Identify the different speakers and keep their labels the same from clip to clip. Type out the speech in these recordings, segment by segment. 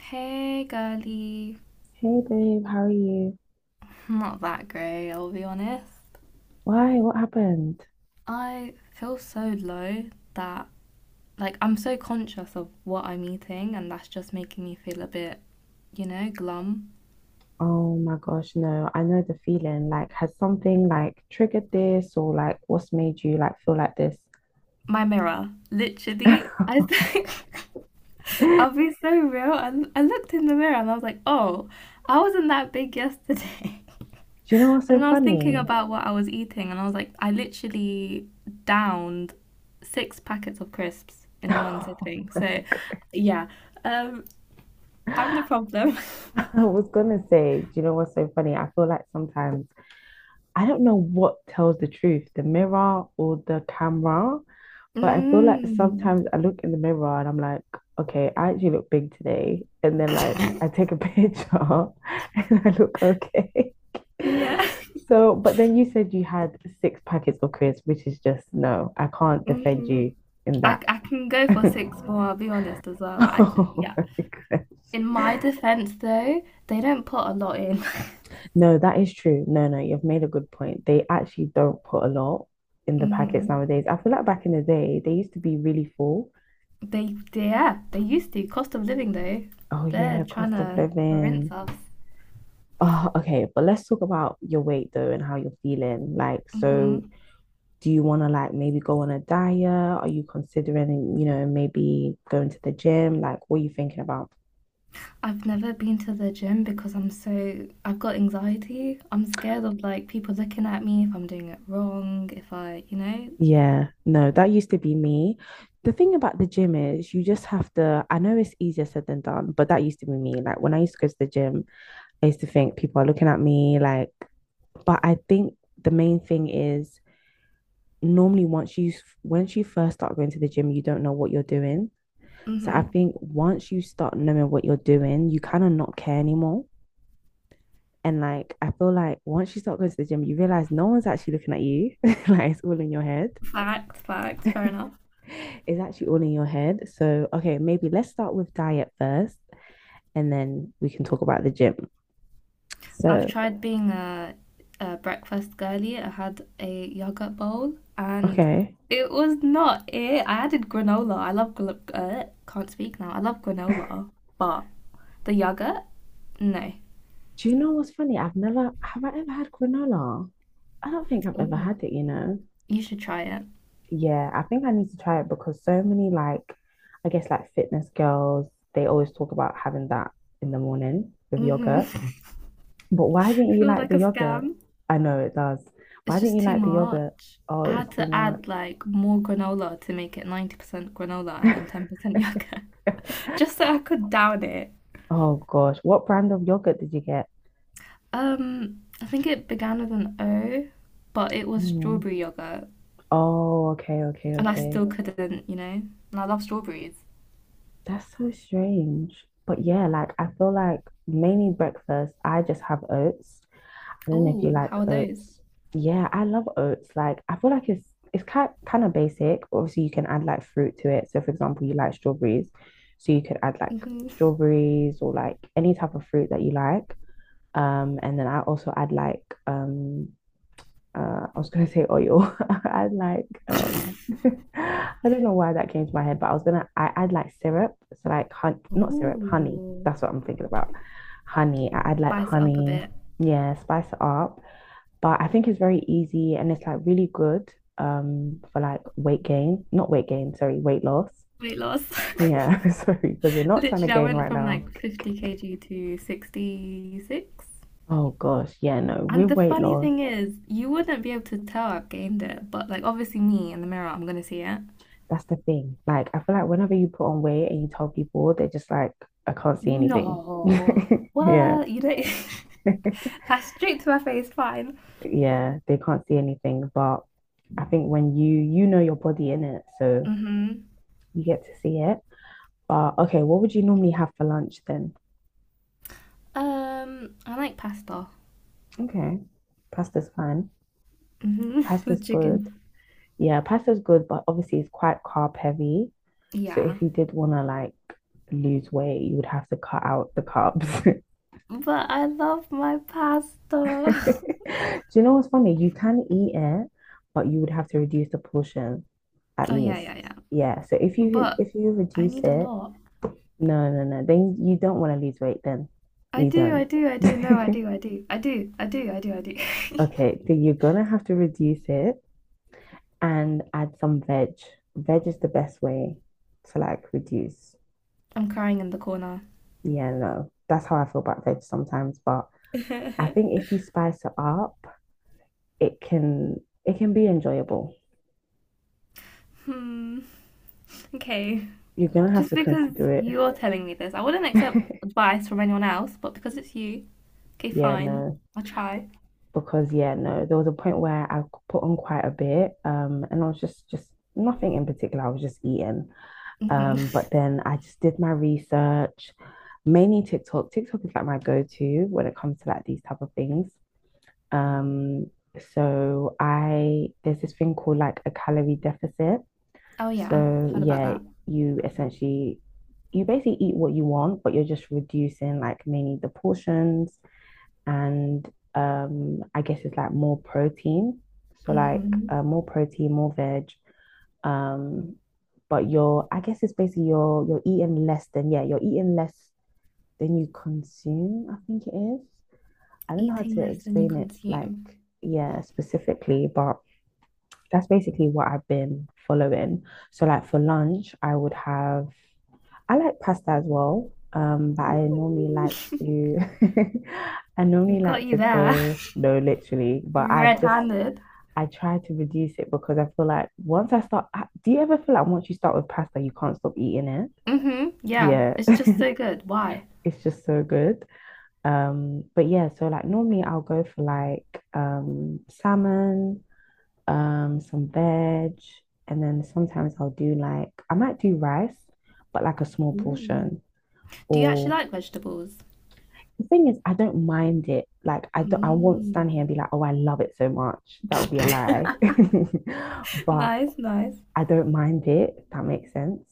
Speaker 1: Hey, girly.
Speaker 2: Hey babe, how are you?
Speaker 1: Not that great, I'll be honest.
Speaker 2: Why? What happened?
Speaker 1: I feel so low that, like, I'm so conscious of what I'm eating, and that's just making me feel a bit, glum.
Speaker 2: Oh my gosh, no, I know the feeling. Like, has something like triggered this or like what's made you like feel like this?
Speaker 1: My mirror, literally,
Speaker 2: Do
Speaker 1: I think. I'll be so real. I looked in the mirror and I was like, oh, I wasn't that big yesterday.
Speaker 2: you know what's
Speaker 1: And
Speaker 2: so
Speaker 1: then I was thinking
Speaker 2: funny?
Speaker 1: about what I was eating, and I was like, I literally downed six packets of crisps in one
Speaker 2: Oh
Speaker 1: sitting.
Speaker 2: my
Speaker 1: So, yeah, um, I'm the
Speaker 2: God.
Speaker 1: problem.
Speaker 2: I was gonna say, do you know what's so funny? I feel like sometimes I don't know what tells the truth, the mirror or the camera. But I feel like
Speaker 1: Mm.
Speaker 2: sometimes I look in the mirror and I'm like, okay, I actually look big today. And then like I take a picture and I look okay.
Speaker 1: Yeah.
Speaker 2: So, but then you said you had six packets of crisps, which is just no, I can't defend
Speaker 1: Hmm.
Speaker 2: you in
Speaker 1: I,
Speaker 2: that.
Speaker 1: I can go for six more, I'll be honest as well. I just,
Speaker 2: Oh
Speaker 1: yeah.
Speaker 2: my
Speaker 1: In
Speaker 2: gosh.
Speaker 1: my defense, though, they don't put a lot in.
Speaker 2: No, that is true. No, no, you've made a good point. They actually don't put a lot in the packets
Speaker 1: Hmm.
Speaker 2: nowadays. I feel like back in the day, they used to be really full.
Speaker 1: Yeah, they used to. Cost of living, though,
Speaker 2: Oh
Speaker 1: they're
Speaker 2: yeah,
Speaker 1: trying
Speaker 2: cost of
Speaker 1: to rinse
Speaker 2: living.
Speaker 1: us.
Speaker 2: Oh, okay, but let's talk about your weight though and how you're feeling. Like, so
Speaker 1: Hmm.
Speaker 2: do you want to like maybe go on a diet? Are you considering, you know, maybe going to the gym? Like, what are you thinking about?
Speaker 1: I've never been to the gym because I'm so, I've got anxiety. I'm scared of like people looking at me if I'm doing it wrong, if I, you know.
Speaker 2: Yeah, no, that used to be me. The thing about the gym is you just have to, I know it's easier said than done, but that used to be me. Like when I used to go to the gym, I used to think people are looking at me like, but I think the main thing is normally once you first start going to the gym, you don't know what you're doing. So
Speaker 1: Mm-hmm.
Speaker 2: I think once you start knowing what you're doing, you kind of not care anymore. And like I feel like once you start going to the gym, you realize no one's actually looking at you. Like it's all in your head.
Speaker 1: Fair enough.
Speaker 2: It's actually all in your head. So okay, maybe let's start with diet first and then we can talk about the gym.
Speaker 1: I've
Speaker 2: So,
Speaker 1: tried being a breakfast girly. I had a yogurt bowl and
Speaker 2: okay.
Speaker 1: it was not it. I added granola. I love, can't speak now. I love
Speaker 2: Do
Speaker 1: granola, but the yogurt, no.
Speaker 2: you know what's funny? I've never have I ever had granola? I don't think I've ever
Speaker 1: Ooh.
Speaker 2: had it, you know.
Speaker 1: You should try it.
Speaker 2: Yeah, I think I need to try it because so many like I guess like fitness girls, they always talk about having that in the morning with yogurt.
Speaker 1: Mm-hmm.
Speaker 2: But why didn't you
Speaker 1: Feels
Speaker 2: like
Speaker 1: like
Speaker 2: the
Speaker 1: a
Speaker 2: yogurt?
Speaker 1: scam.
Speaker 2: I know it does. Why
Speaker 1: It's
Speaker 2: didn't
Speaker 1: just
Speaker 2: you
Speaker 1: too
Speaker 2: like the yogurt?
Speaker 1: much. I
Speaker 2: Oh, it was
Speaker 1: had
Speaker 2: too
Speaker 1: to add like more granola to make it 90% granola and
Speaker 2: much.
Speaker 1: then 10% yogurt, just so I could down it.
Speaker 2: Oh gosh, what brand of yogurt did you get?
Speaker 1: I think it began with an O, but it was
Speaker 2: Mm.
Speaker 1: strawberry yogurt
Speaker 2: Oh, okay, okay,
Speaker 1: and I
Speaker 2: okay.
Speaker 1: still couldn't, you know. And I love strawberries.
Speaker 2: That's so strange. But yeah, like I feel like mainly breakfast, I just have oats. I don't know if you
Speaker 1: Ooh,
Speaker 2: like
Speaker 1: how are those?
Speaker 2: oats. Yeah, I love oats. Like, I feel like it's kind of basic. Obviously, you can add like fruit to it. So, for example, you like strawberries, so you could add like
Speaker 1: Hmm.
Speaker 2: strawberries or like any type of fruit that you like. And then I also add like I was gonna say oil. I add like I don't know why that came to my head, but I was gonna I add like syrup. So like hun not syrup, honey.
Speaker 1: Ooh,
Speaker 2: That's what I'm thinking about. Honey. I add like
Speaker 1: spice it up a
Speaker 2: honey.
Speaker 1: bit.
Speaker 2: Yeah, spice it up. But I think it's very easy and it's like really good for like weight gain, not weight gain, sorry, weight loss.
Speaker 1: Weight loss.
Speaker 2: Yeah, sorry, because you're not trying to
Speaker 1: Literally, I
Speaker 2: gain
Speaker 1: went
Speaker 2: right
Speaker 1: from
Speaker 2: now.
Speaker 1: like 50 kg to 66.
Speaker 2: Oh gosh, yeah, no,
Speaker 1: And
Speaker 2: with
Speaker 1: the
Speaker 2: weight
Speaker 1: funny
Speaker 2: loss,
Speaker 1: thing is, you wouldn't be able to tell I've gained it, but like obviously me in the mirror, I'm gonna see it.
Speaker 2: that's the thing. Like, I feel like whenever you put on weight and you tell people, they're just like, I can't see anything.
Speaker 1: No,
Speaker 2: Yeah,
Speaker 1: what? You don't. That's straight to my face. Fine.
Speaker 2: yeah, they can't see anything. But I think when you know your body in it, so
Speaker 1: Mhm.
Speaker 2: you get to see it. But okay, what would you normally have for lunch then?
Speaker 1: I like pasta.
Speaker 2: Okay, pasta's fine.
Speaker 1: Mhm.
Speaker 2: Pasta's
Speaker 1: With
Speaker 2: good.
Speaker 1: chicken.
Speaker 2: Yeah, pasta's good, but obviously it's quite carb heavy. So
Speaker 1: Yeah,
Speaker 2: if you did want to like lose weight, you would have to cut out the carbs.
Speaker 1: but I love my pasta.
Speaker 2: Do you know what's funny? You can eat it, but you would have to reduce the portion at
Speaker 1: Oh yeah,
Speaker 2: least.
Speaker 1: yeah, yeah.
Speaker 2: Yeah. So if you
Speaker 1: But
Speaker 2: if you
Speaker 1: I
Speaker 2: reduce
Speaker 1: need a
Speaker 2: it,
Speaker 1: lot.
Speaker 2: no, no, no, then you don't want to lose weight then.
Speaker 1: I
Speaker 2: You
Speaker 1: do, I
Speaker 2: don't.
Speaker 1: do, I do. No, I do, I do, I do, I do, I do, I do.
Speaker 2: Okay, so you're gonna have to reduce it and add some veg. Veg is the best way to like reduce.
Speaker 1: I'm crying in the corner.
Speaker 2: Yeah, no, that's how I feel about veg sometimes. But I think if you spice it up, it can it can be enjoyable.
Speaker 1: Hmm. Okay.
Speaker 2: You're gonna have
Speaker 1: Just
Speaker 2: to
Speaker 1: because
Speaker 2: consider
Speaker 1: you're telling me this, I wouldn't accept
Speaker 2: it.
Speaker 1: advice from anyone else, but because it's you, okay,
Speaker 2: Yeah,
Speaker 1: fine.
Speaker 2: no,
Speaker 1: I'll try.
Speaker 2: because yeah, no, there was a point where I put on quite a bit, and I was just nothing in particular. I was just eating,
Speaker 1: Hmm.
Speaker 2: but then I just did my research, mainly TikTok. TikTok is like my go-to when it comes to like these type of things. Um, so I there's this thing called like a calorie deficit.
Speaker 1: Oh, yeah.
Speaker 2: So
Speaker 1: Heard about
Speaker 2: yeah,
Speaker 1: that.
Speaker 2: you essentially you basically eat what you want, but you're just reducing like mainly the portions and I guess it's like more protein. So like
Speaker 1: Hmm.
Speaker 2: more protein, more veg. Um, but you're I guess it's basically you're eating less than yeah, you're eating less than you consume, I think it is. I don't know how
Speaker 1: Eating
Speaker 2: to
Speaker 1: less than you
Speaker 2: explain it like,
Speaker 1: consume.
Speaker 2: yeah, specifically, but that's basically what I've been following. So like for lunch, I would have I like pasta as well. But I normally like to I normally
Speaker 1: Mm. Got
Speaker 2: like
Speaker 1: you
Speaker 2: to
Speaker 1: there.
Speaker 2: go no literally, but I've
Speaker 1: Red
Speaker 2: just
Speaker 1: handed.
Speaker 2: I try to reduce it because I feel like once I start, do you ever feel like once you start with pasta, you can't stop eating it?
Speaker 1: Hmm. Yeah.
Speaker 2: Yeah,
Speaker 1: It's just so good. Why?
Speaker 2: it's just so good. But yeah, so like normally I'll go for like salmon, some veg, and then sometimes I'll do like I might do rice, but like a small
Speaker 1: Ooh.
Speaker 2: portion.
Speaker 1: Do you actually
Speaker 2: Or
Speaker 1: like vegetables?
Speaker 2: the thing is, I don't mind it. Like I don't, I won't stand here
Speaker 1: Mm.
Speaker 2: and be like, oh, I love it so much. That would be a lie. But
Speaker 1: Nice, nice.
Speaker 2: I don't mind it. If that makes sense.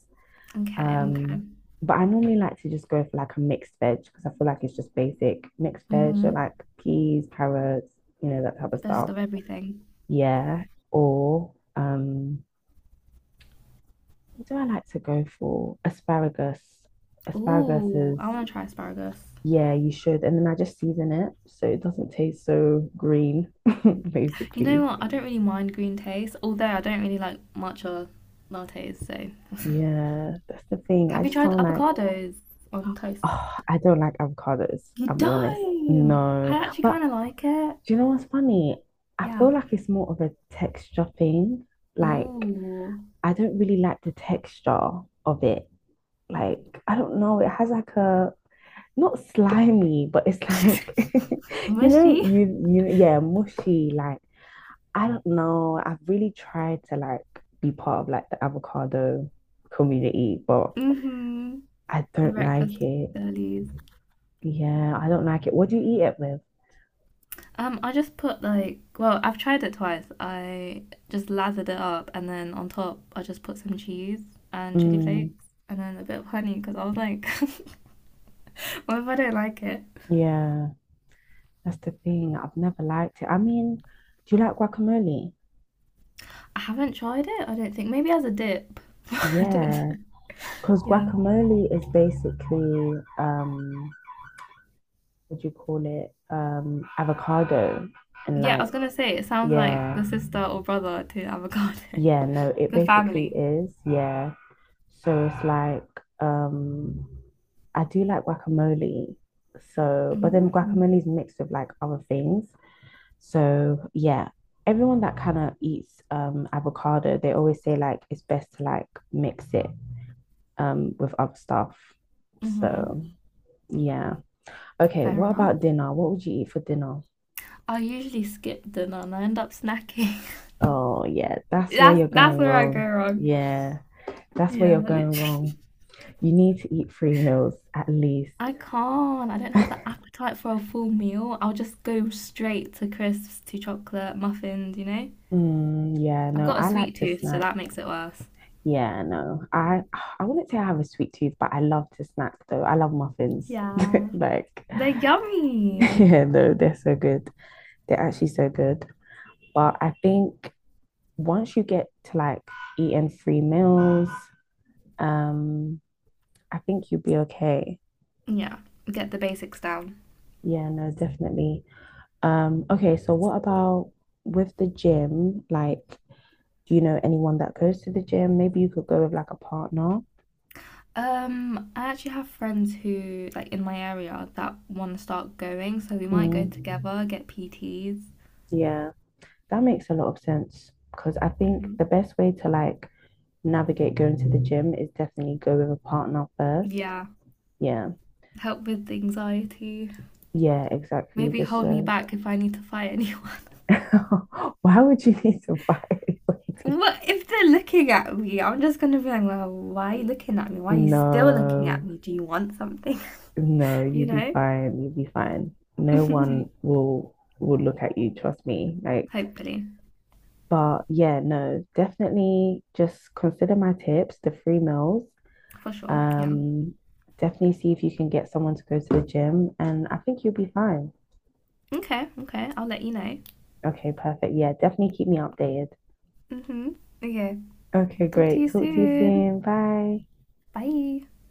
Speaker 1: Okay, okay.
Speaker 2: Um, but I normally like to just go for like a mixed veg because I feel like it's just basic mixed veg, so
Speaker 1: Hmm.
Speaker 2: like peas, carrots, you know, that type of
Speaker 1: Best
Speaker 2: stuff.
Speaker 1: of everything.
Speaker 2: Yeah. Or um, what do I like to go for? Asparagus. Asparagus
Speaker 1: Ooh,
Speaker 2: is,
Speaker 1: I want to try asparagus.
Speaker 2: yeah, you should. And then I just season it so it doesn't taste so green,
Speaker 1: You know
Speaker 2: basically.
Speaker 1: what? I don't really mind green taste, although I don't really like matcha lattes, so.
Speaker 2: Yeah, that's the thing. I
Speaker 1: Have you
Speaker 2: just
Speaker 1: tried
Speaker 2: don't like,
Speaker 1: avocados on toast?
Speaker 2: oh, I don't like avocados,
Speaker 1: You
Speaker 2: I'll be honest.
Speaker 1: don't!
Speaker 2: No.
Speaker 1: I actually
Speaker 2: But
Speaker 1: kind of like it.
Speaker 2: do you know what's funny? I
Speaker 1: Yeah.
Speaker 2: feel like it's more of a texture thing. Like,
Speaker 1: Ooh.
Speaker 2: I don't really like the texture of it. Like, I don't know. It has like a not slimy, but it's like you know,
Speaker 1: Mushy.
Speaker 2: you yeah, mushy. Like I don't know. I've really tried to like be part of like the avocado community, but
Speaker 1: Mm-hmm.
Speaker 2: I
Speaker 1: The
Speaker 2: don't
Speaker 1: breakfast
Speaker 2: like it.
Speaker 1: girlies.
Speaker 2: Yeah, I don't like it. What do you eat it with?
Speaker 1: I just put like, well, I've tried it twice. I just lathered it up, and then on top, I just put some cheese and chili
Speaker 2: Mm,
Speaker 1: flakes, and then a bit of honey because I was like, what if I don't like it?
Speaker 2: yeah, that's the thing. I've never liked it. I mean, do you like guacamole?
Speaker 1: I haven't tried it, I don't think. Maybe as a dip. I don't
Speaker 2: Yeah,
Speaker 1: know.
Speaker 2: because
Speaker 1: Yeah.
Speaker 2: guacamole is basically what do you call it? Avocado and
Speaker 1: Yeah, I
Speaker 2: like
Speaker 1: was gonna say it sounds like
Speaker 2: yeah,
Speaker 1: the sister or brother to avocado.
Speaker 2: yeah, no, it
Speaker 1: The
Speaker 2: basically
Speaker 1: family.
Speaker 2: is, yeah. So it's like, um, I do like guacamole. So, but then
Speaker 1: Mm-hmm.
Speaker 2: guacamole is mixed with like other things. So, yeah, everyone that kind of eats avocado, they always say like it's best to like mix it with other stuff. So,
Speaker 1: Hmm.
Speaker 2: yeah. Okay,
Speaker 1: Fair
Speaker 2: what
Speaker 1: enough.
Speaker 2: about dinner? What would you eat for dinner?
Speaker 1: I usually skip dinner and I end up snacking.
Speaker 2: Oh, yeah, that's where
Speaker 1: That's
Speaker 2: you're
Speaker 1: that's
Speaker 2: going
Speaker 1: where I go
Speaker 2: wrong.
Speaker 1: wrong.
Speaker 2: Yeah, that's where
Speaker 1: Yeah,
Speaker 2: you're
Speaker 1: literally.
Speaker 2: going wrong. You need to eat three meals at least.
Speaker 1: I can't. I don't have the appetite for a full meal. I'll just go straight to crisps, to chocolate, muffins, you know?
Speaker 2: Mm, yeah,
Speaker 1: I've
Speaker 2: no,
Speaker 1: got a
Speaker 2: I like
Speaker 1: sweet
Speaker 2: to
Speaker 1: tooth, so
Speaker 2: snack.
Speaker 1: that makes it worse.
Speaker 2: Yeah, no. I wouldn't say I have a sweet tooth, but I love to snack though. I love muffins.
Speaker 1: Yeah.
Speaker 2: Like,
Speaker 1: They're yummy.
Speaker 2: yeah, no, they're so good. They're actually so good. But I think once you get to like eating three meals, um, I think you'll be okay.
Speaker 1: Yeah, get the basics down.
Speaker 2: Yeah, no, definitely. Okay, so what about with the gym? Like, do you know anyone that goes to the gym? Maybe you could go with like a partner.
Speaker 1: I actually have friends who, like, in my area that want to start going, so we might go
Speaker 2: Mm.
Speaker 1: together, get PTs.
Speaker 2: Yeah, that makes a lot of sense because I think
Speaker 1: Hmm.
Speaker 2: the best way to like navigate going to the gym is definitely go with a partner first.
Speaker 1: Yeah,
Speaker 2: Yeah,
Speaker 1: help with anxiety.
Speaker 2: yeah, exactly.
Speaker 1: Maybe
Speaker 2: Just
Speaker 1: hold me
Speaker 2: so
Speaker 1: back if I need to fight anyone.
Speaker 2: why would you need to buy anybody?
Speaker 1: What if they're looking at me? I'm just gonna be like, well, why are you looking at me? Why are you still looking at
Speaker 2: No,
Speaker 1: me? Do you want something?
Speaker 2: no,
Speaker 1: You
Speaker 2: you'll be
Speaker 1: know?
Speaker 2: fine. You'll be fine. No one will look at you, trust me. Like
Speaker 1: Hopefully,
Speaker 2: but yeah, no, definitely just consider my tips, the free meals.
Speaker 1: for sure. Yeah.
Speaker 2: Um, definitely see if you can get someone to go to the gym, and I think you'll be fine.
Speaker 1: Okay, okay, I'll let you know.
Speaker 2: Okay, perfect. Yeah, definitely keep me updated.
Speaker 1: Hmm. Okay.
Speaker 2: Okay,
Speaker 1: Talk to
Speaker 2: great.
Speaker 1: you
Speaker 2: Talk to you
Speaker 1: soon.
Speaker 2: soon. Bye.
Speaker 1: Bye.